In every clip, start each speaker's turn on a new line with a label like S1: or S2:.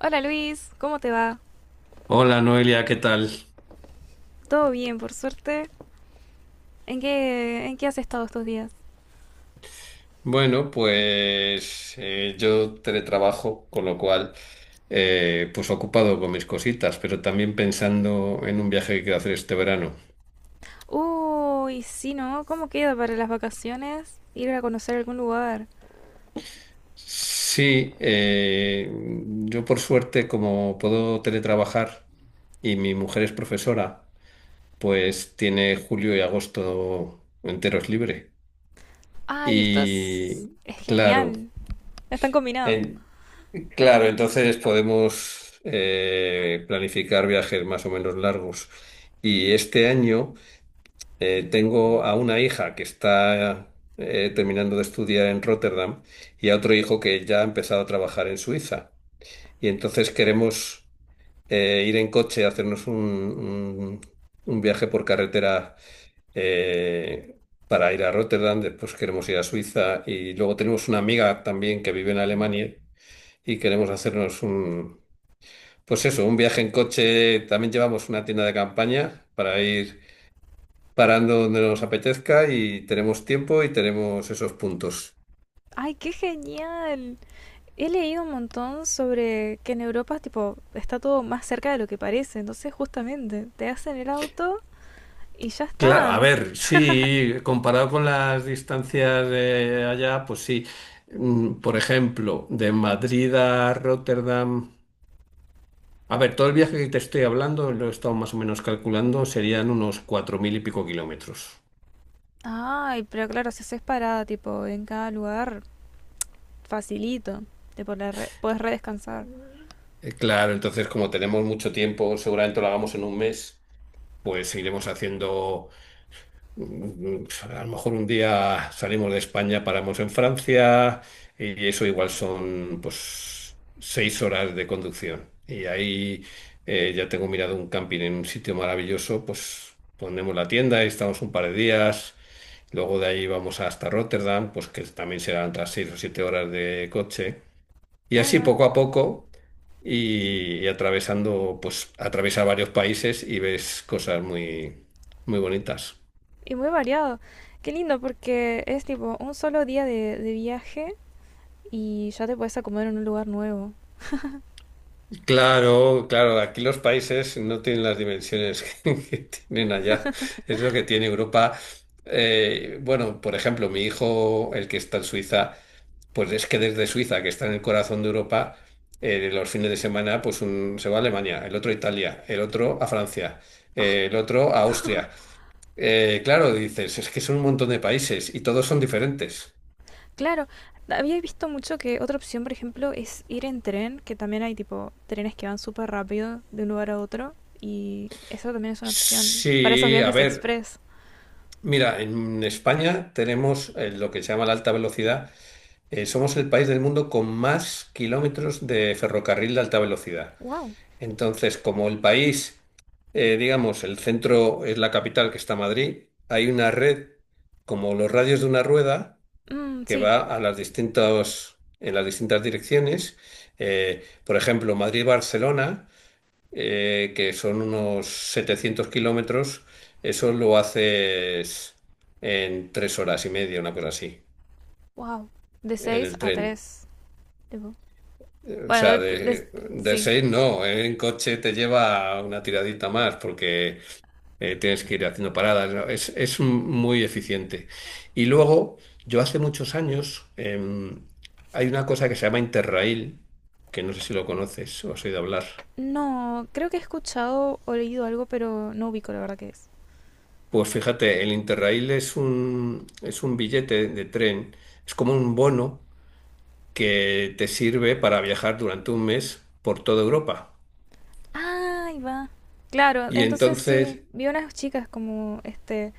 S1: Hola Luis, ¿cómo te va?
S2: Hola Noelia, ¿qué tal?
S1: Todo bien, por suerte. ¿En qué has estado estos días?
S2: Bueno, pues yo teletrabajo, con lo cual, pues ocupado con mis cositas, pero también pensando en un viaje que quiero hacer este verano.
S1: Uy, sí, ¿no? ¿Cómo queda para las vacaciones? Ir a conocer algún lugar.
S2: Sí, yo por suerte, como puedo teletrabajar y mi mujer es profesora, pues tiene julio y agosto enteros libre.
S1: Ay, esto es,
S2: Y
S1: es
S2: claro,
S1: genial. Están combinados.
S2: en- claro, entonces podemos planificar viajes más o menos largos. Y este año tengo a una hija que está terminando de estudiar en Rotterdam y a otro hijo que ya ha empezado a trabajar en Suiza. Y entonces queremos ir en coche, hacernos un viaje por carretera eh, para ir a Rotterdam, después queremos ir a Suiza y luego tenemos una amiga también que vive en Alemania y queremos hacernos pues eso, un viaje en coche, también llevamos una tienda de campaña para ir parando donde nos apetezca y tenemos tiempo y tenemos esos puntos.
S1: Ay, qué genial. He leído un montón sobre que en Europa, tipo, está todo más cerca de lo que parece. Entonces, justamente, te hacen el auto y ya
S2: Claro, a
S1: está.
S2: ver, sí, comparado con las distancias de allá, pues sí. Por ejemplo, de Madrid a Rotterdam. A ver, todo el viaje que te estoy hablando, lo he estado más o menos calculando, serían unos cuatro mil y pico kilómetros.
S1: Ay, pero claro, si haces parada, tipo, en cada lugar, facilito, te podés, puedes redescansar.
S2: Claro, entonces como tenemos mucho tiempo, seguramente lo hagamos en un mes. Pues seguiremos haciendo. Mm, A lo mejor un día salimos de España, paramos en Francia y eso igual son pues 6 horas de conducción. Y ahí ya tengo mirado un camping en un sitio maravilloso, pues ponemos la tienda y estamos un par de días. Luego de ahí vamos hasta Rotterdam, pues que también serán otras 6 o 7 horas de coche. Y
S1: Ahí
S2: así
S1: va.
S2: poco a poco y atravesando, pues atravesar varios países y ves cosas muy, muy bonitas.
S1: Y muy variado. Qué lindo porque es tipo un solo día de viaje y ya te puedes acomodar en un lugar nuevo.
S2: Claro, claro, aquí los países no tienen las dimensiones que tienen allá. Es lo que tiene Europa. Bueno, por ejemplo, mi hijo, el que está en Suiza, pues es que desde Suiza, que está en el corazón de Europa, los fines de semana, pues se va a Alemania, el otro a Italia, el otro a Francia, el otro a Austria. Claro, dices, es que son un montón de países y todos son diferentes.
S1: Claro, había visto mucho que otra opción, por ejemplo, es ir en tren, que también hay tipo trenes que van súper rápido de un lugar a otro y eso también es una opción para esos
S2: Sí, a
S1: viajes
S2: ver,
S1: express.
S2: mira, en España tenemos lo que se llama la alta velocidad. Somos el país del mundo con más kilómetros de ferrocarril de alta velocidad.
S1: Wow.
S2: Entonces, como el país, digamos, el centro es la capital que está Madrid, hay una red como los radios de una rueda
S1: Mm,
S2: que
S1: sí,
S2: va a las distintas, en las distintas direcciones. Por ejemplo, Madrid-Barcelona, que son unos 700 kilómetros, eso lo haces en 3 horas y media, una cosa así,
S1: wow. De
S2: en
S1: 6
S2: el
S1: a
S2: tren.
S1: 3.
S2: O
S1: Bueno,
S2: sea, de
S1: sí.
S2: seis no, ¿eh? En coche te lleva una tiradita más porque tienes que ir haciendo paradas, ¿no? Es muy eficiente. Y luego, yo hace muchos años, hay una cosa que se llama Interrail, que no sé si lo conoces o has oído hablar.
S1: No, creo que he escuchado o leído algo, pero no ubico la verdad que es.
S2: Pues fíjate, el Interrail es un billete de tren, es como un bono que te sirve para viajar durante un mes por toda Europa.
S1: Ah, ahí va. Claro,
S2: Y
S1: entonces sí,
S2: entonces,
S1: vi unas chicas como este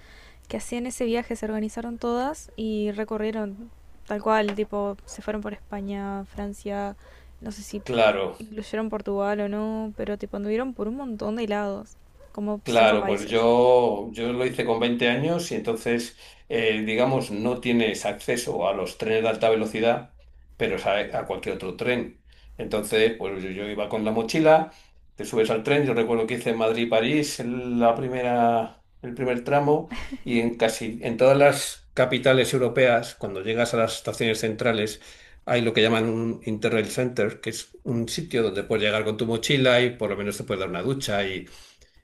S1: que hacían ese viaje, se organizaron todas y recorrieron tal cual, tipo, se fueron por España, Francia, no sé si
S2: claro.
S1: incluyeron Portugal o no, pero tipo anduvieron por un montón de lados, como cinco
S2: Claro, pues
S1: países.
S2: yo lo hice con 20 años y entonces, digamos, no tienes acceso a los trenes de alta velocidad, pero es a cualquier otro tren. Entonces, pues yo iba con la mochila, te subes al tren, yo recuerdo que hice Madrid-París el primer tramo y en casi en todas las capitales europeas, cuando llegas a las estaciones centrales, hay lo que llaman un Interrail Center, que es un sitio donde puedes llegar con tu mochila y por lo menos te puedes dar una ducha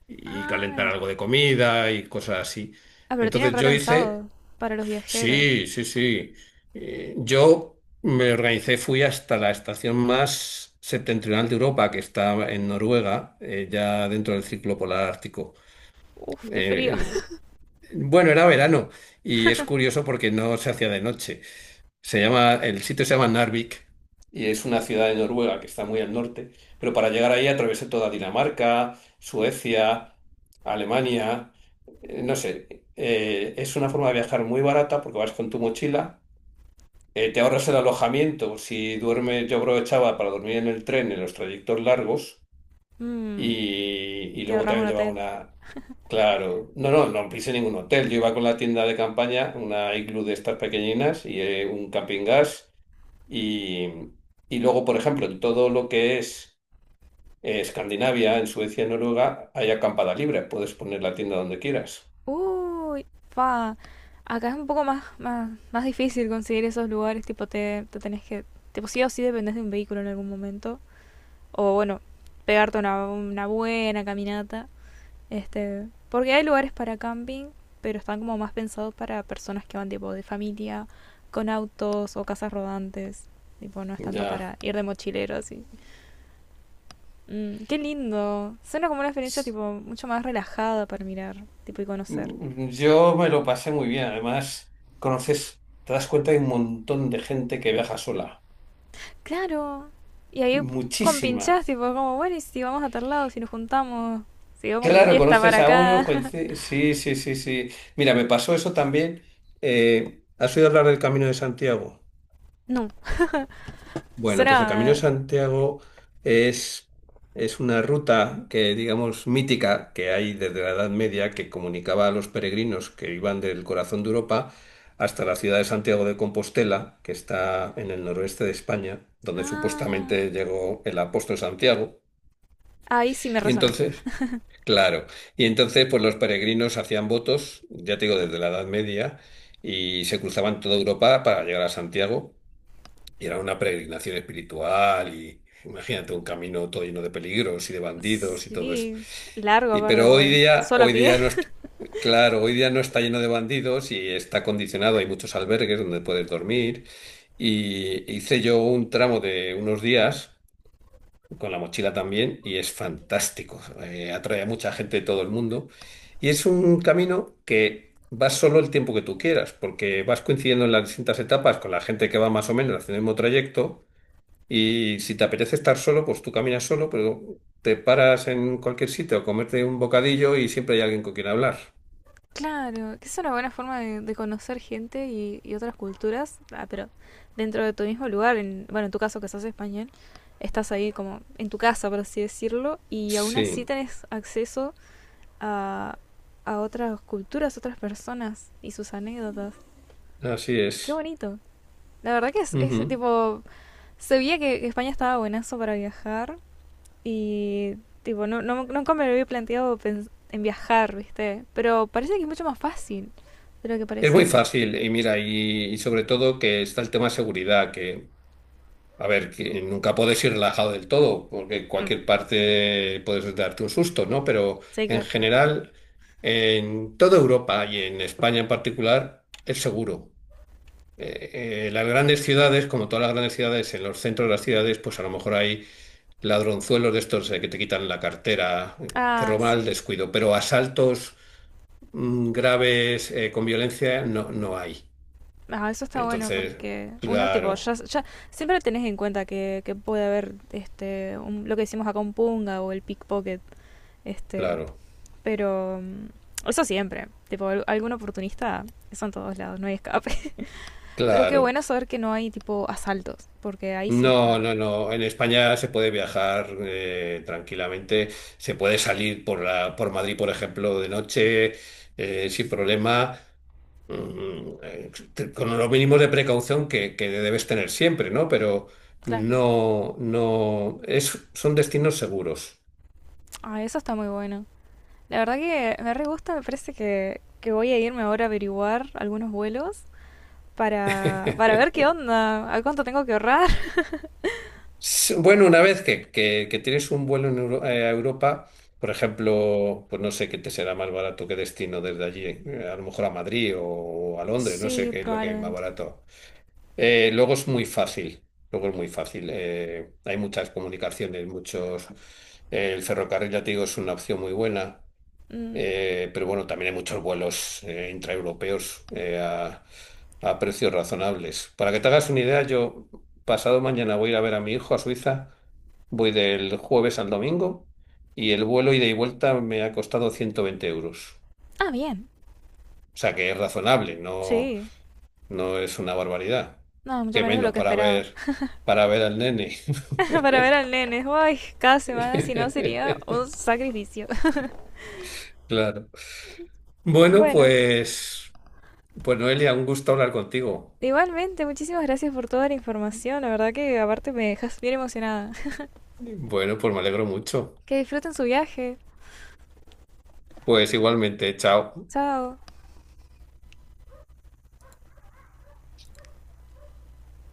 S2: y
S1: Ah,
S2: calentar
S1: en-
S2: algo de comida y cosas así.
S1: ah, pero tienen
S2: Entonces yo hice,
S1: repensado para los viajeros.
S2: sí, sí, sí. Yo me organicé, fui hasta la estación más septentrional de Europa, que está en Noruega, ya dentro del círculo polar ártico.
S1: Uf, qué frío.
S2: Eh, bueno, era verano y es curioso porque no se hacía de noche. Se llama, el sitio se llama Narvik y es una ciudad de Noruega que está muy al norte, pero para llegar ahí atravesé toda Dinamarca, Suecia, Alemania, no sé, es una forma de viajar muy barata porque vas con tu mochila, te ahorras el alojamiento, si duermes, yo aprovechaba para dormir en el tren en los trayectos largos
S1: Mm,
S2: y, y
S1: te
S2: luego
S1: ahorras un
S2: también llevaba
S1: hotel.
S2: una. Claro, no, no, no pise ningún hotel. Yo iba con la tienda de campaña, una iglú de estas pequeñinas y un camping gas y, y luego, por ejemplo, en todo lo que es Escandinavia, en Suecia, Noruega, hay acampada libre. Puedes poner la tienda donde quieras.
S1: Uy, pa. Acá es un poco más difícil conseguir esos lugares, tipo te tenés que, tipo sí o sí dependés de un vehículo en algún momento, o bueno, pegarte una buena caminata, este, porque hay lugares para camping, pero están como más pensados para personas que van tipo de familia, con autos o casas rodantes, tipo no es tanto
S2: Ya.
S1: para ir de mochilero así. Mm, qué lindo, suena como una experiencia tipo mucho más relajada para mirar, tipo y conocer.
S2: Yo me lo pasé muy bien. Además, conoces, te das cuenta que hay un montón de gente que viaja sola.
S1: Claro. Y ahí
S2: Muchísima.
S1: compinchás, tipo, como, bueno, y si vamos a tal lado, si nos juntamos, si vamos de
S2: Claro,
S1: fiesta para
S2: conoces a uno.
S1: acá.
S2: Sí, sí, sí, sí. Mira, me pasó eso también. ¿Has oído hablar del Camino de Santiago?
S1: No,
S2: Bueno, pues el Camino de
S1: suena.
S2: Santiago es, es una ruta que, digamos, mítica que hay desde la Edad Media que comunicaba a los peregrinos que iban del corazón de Europa hasta la ciudad de Santiago de Compostela, que está en el noroeste de España, donde
S1: Ah,
S2: supuestamente llegó el apóstol Santiago.
S1: ahí sí me
S2: Y
S1: resonó.
S2: entonces, claro, y entonces pues los peregrinos hacían votos, ya te digo, desde la Edad Media, y se cruzaban toda Europa para llegar a Santiago. Y era una peregrinación espiritual y imagínate un camino todo lleno de peligros y de bandidos y todo eso.
S1: Sí, largo
S2: Y
S1: aparte,
S2: pero
S1: porque solo a
S2: hoy
S1: pie.
S2: día no es, claro, hoy día no está lleno de bandidos y está condicionado, hay muchos albergues donde puedes dormir. Y hice yo un tramo de unos días con la mochila también y es fantástico. Atrae a mucha gente de todo el mundo. Y es un camino que vas solo el tiempo que tú quieras, porque vas coincidiendo en las distintas etapas con la gente que va más o menos haciendo el mismo trayecto. Y si te apetece estar solo, pues tú caminas solo, pero te paras en cualquier sitio a comerte un bocadillo y siempre hay alguien con quien hablar.
S1: Claro, que es una buena forma de conocer gente y otras culturas, ah, pero dentro de tu mismo lugar, en, bueno, en tu caso que estás español, estás ahí como en tu casa, por así decirlo, y aún así
S2: Sí,
S1: tenés acceso a, a otras culturas, otras personas y sus anécdotas.
S2: así
S1: Qué
S2: es.
S1: bonito. La verdad que es,
S2: Ujú.
S1: tipo, se veía que España estaba buenazo para viajar y tipo, no, no, nunca me lo había planteado en viajar, ¿viste? Pero parece que es mucho más fácil de lo que
S2: Es muy
S1: parecía.
S2: fácil y mira, y sobre todo que está el tema de seguridad, que, a ver, que nunca puedes ir relajado del todo, porque en
S1: Mm,
S2: cualquier parte puedes darte un susto, ¿no? Pero
S1: sí,
S2: en
S1: claro.
S2: general, en toda Europa y en España en particular, es seguro. Las grandes ciudades, como todas las grandes ciudades, en los centros de las ciudades, pues a lo mejor hay ladronzuelos de estos que te quitan la cartera, que
S1: Ah,
S2: roban al
S1: sí.
S2: descuido, pero asaltos graves con violencia no, no hay.
S1: Ah, eso está bueno
S2: Entonces,
S1: porque uno, tipo, ya,
S2: claro,
S1: ya siempre tenés en cuenta que puede haber este, un, lo que decimos acá un punga o el pickpocket, este,
S2: claro,
S1: pero mm, eso siempre. Tipo, algún oportunista, eso en todos lados, no hay escape. Pero qué
S2: claro.
S1: bueno saber que no hay tipo asaltos, porque ahí sí
S2: No,
S1: está.
S2: no, no. En España se puede viajar tranquilamente, se puede salir por la, por Madrid, por ejemplo, de noche sin problema. Con los mínimos de precaución que debes tener siempre, ¿no? Pero
S1: Claro.
S2: no, no, son destinos seguros.
S1: Ah, eso está muy bueno. La verdad que me re gusta, me parece que voy a irme ahora a averiguar algunos vuelos para ver qué onda, a cuánto tengo que ahorrar.
S2: Bueno, una vez que tienes un vuelo en a Europa, por ejemplo, pues no sé qué te será más barato que destino desde allí, a lo mejor a Madrid o, a Londres, no sé
S1: Sí,
S2: qué es lo que hay más
S1: probablemente.
S2: barato. Luego es muy fácil, luego es muy fácil. Hay muchas comunicaciones, muchos. El ferrocarril, ya te digo, es una opción muy buena.
S1: Mm.
S2: Pero bueno, también hay muchos vuelos intraeuropeos a precios razonables. Para que te hagas una idea, yo pasado mañana voy a ir a ver a mi hijo a Suiza, voy del jueves al domingo y el vuelo ida y vuelta me ha costado 120 euros.
S1: Ah, bien.
S2: O sea que es razonable, no,
S1: Sí.
S2: no es una barbaridad.
S1: No, mucho
S2: Qué
S1: menos de lo
S2: menos
S1: que esperaba.
S2: para ver al nene.
S1: Para ver al nene. Ay, cada semana si no sería un sacrificio.
S2: Claro. Bueno,
S1: Bueno,
S2: pues Noelia, un gusto hablar contigo.
S1: igualmente, muchísimas gracias por toda la información. La verdad que aparte me dejas bien emocionada.
S2: Bueno, pues me alegro mucho.
S1: Que disfruten su viaje.
S2: Pues igualmente, chao.
S1: Chao.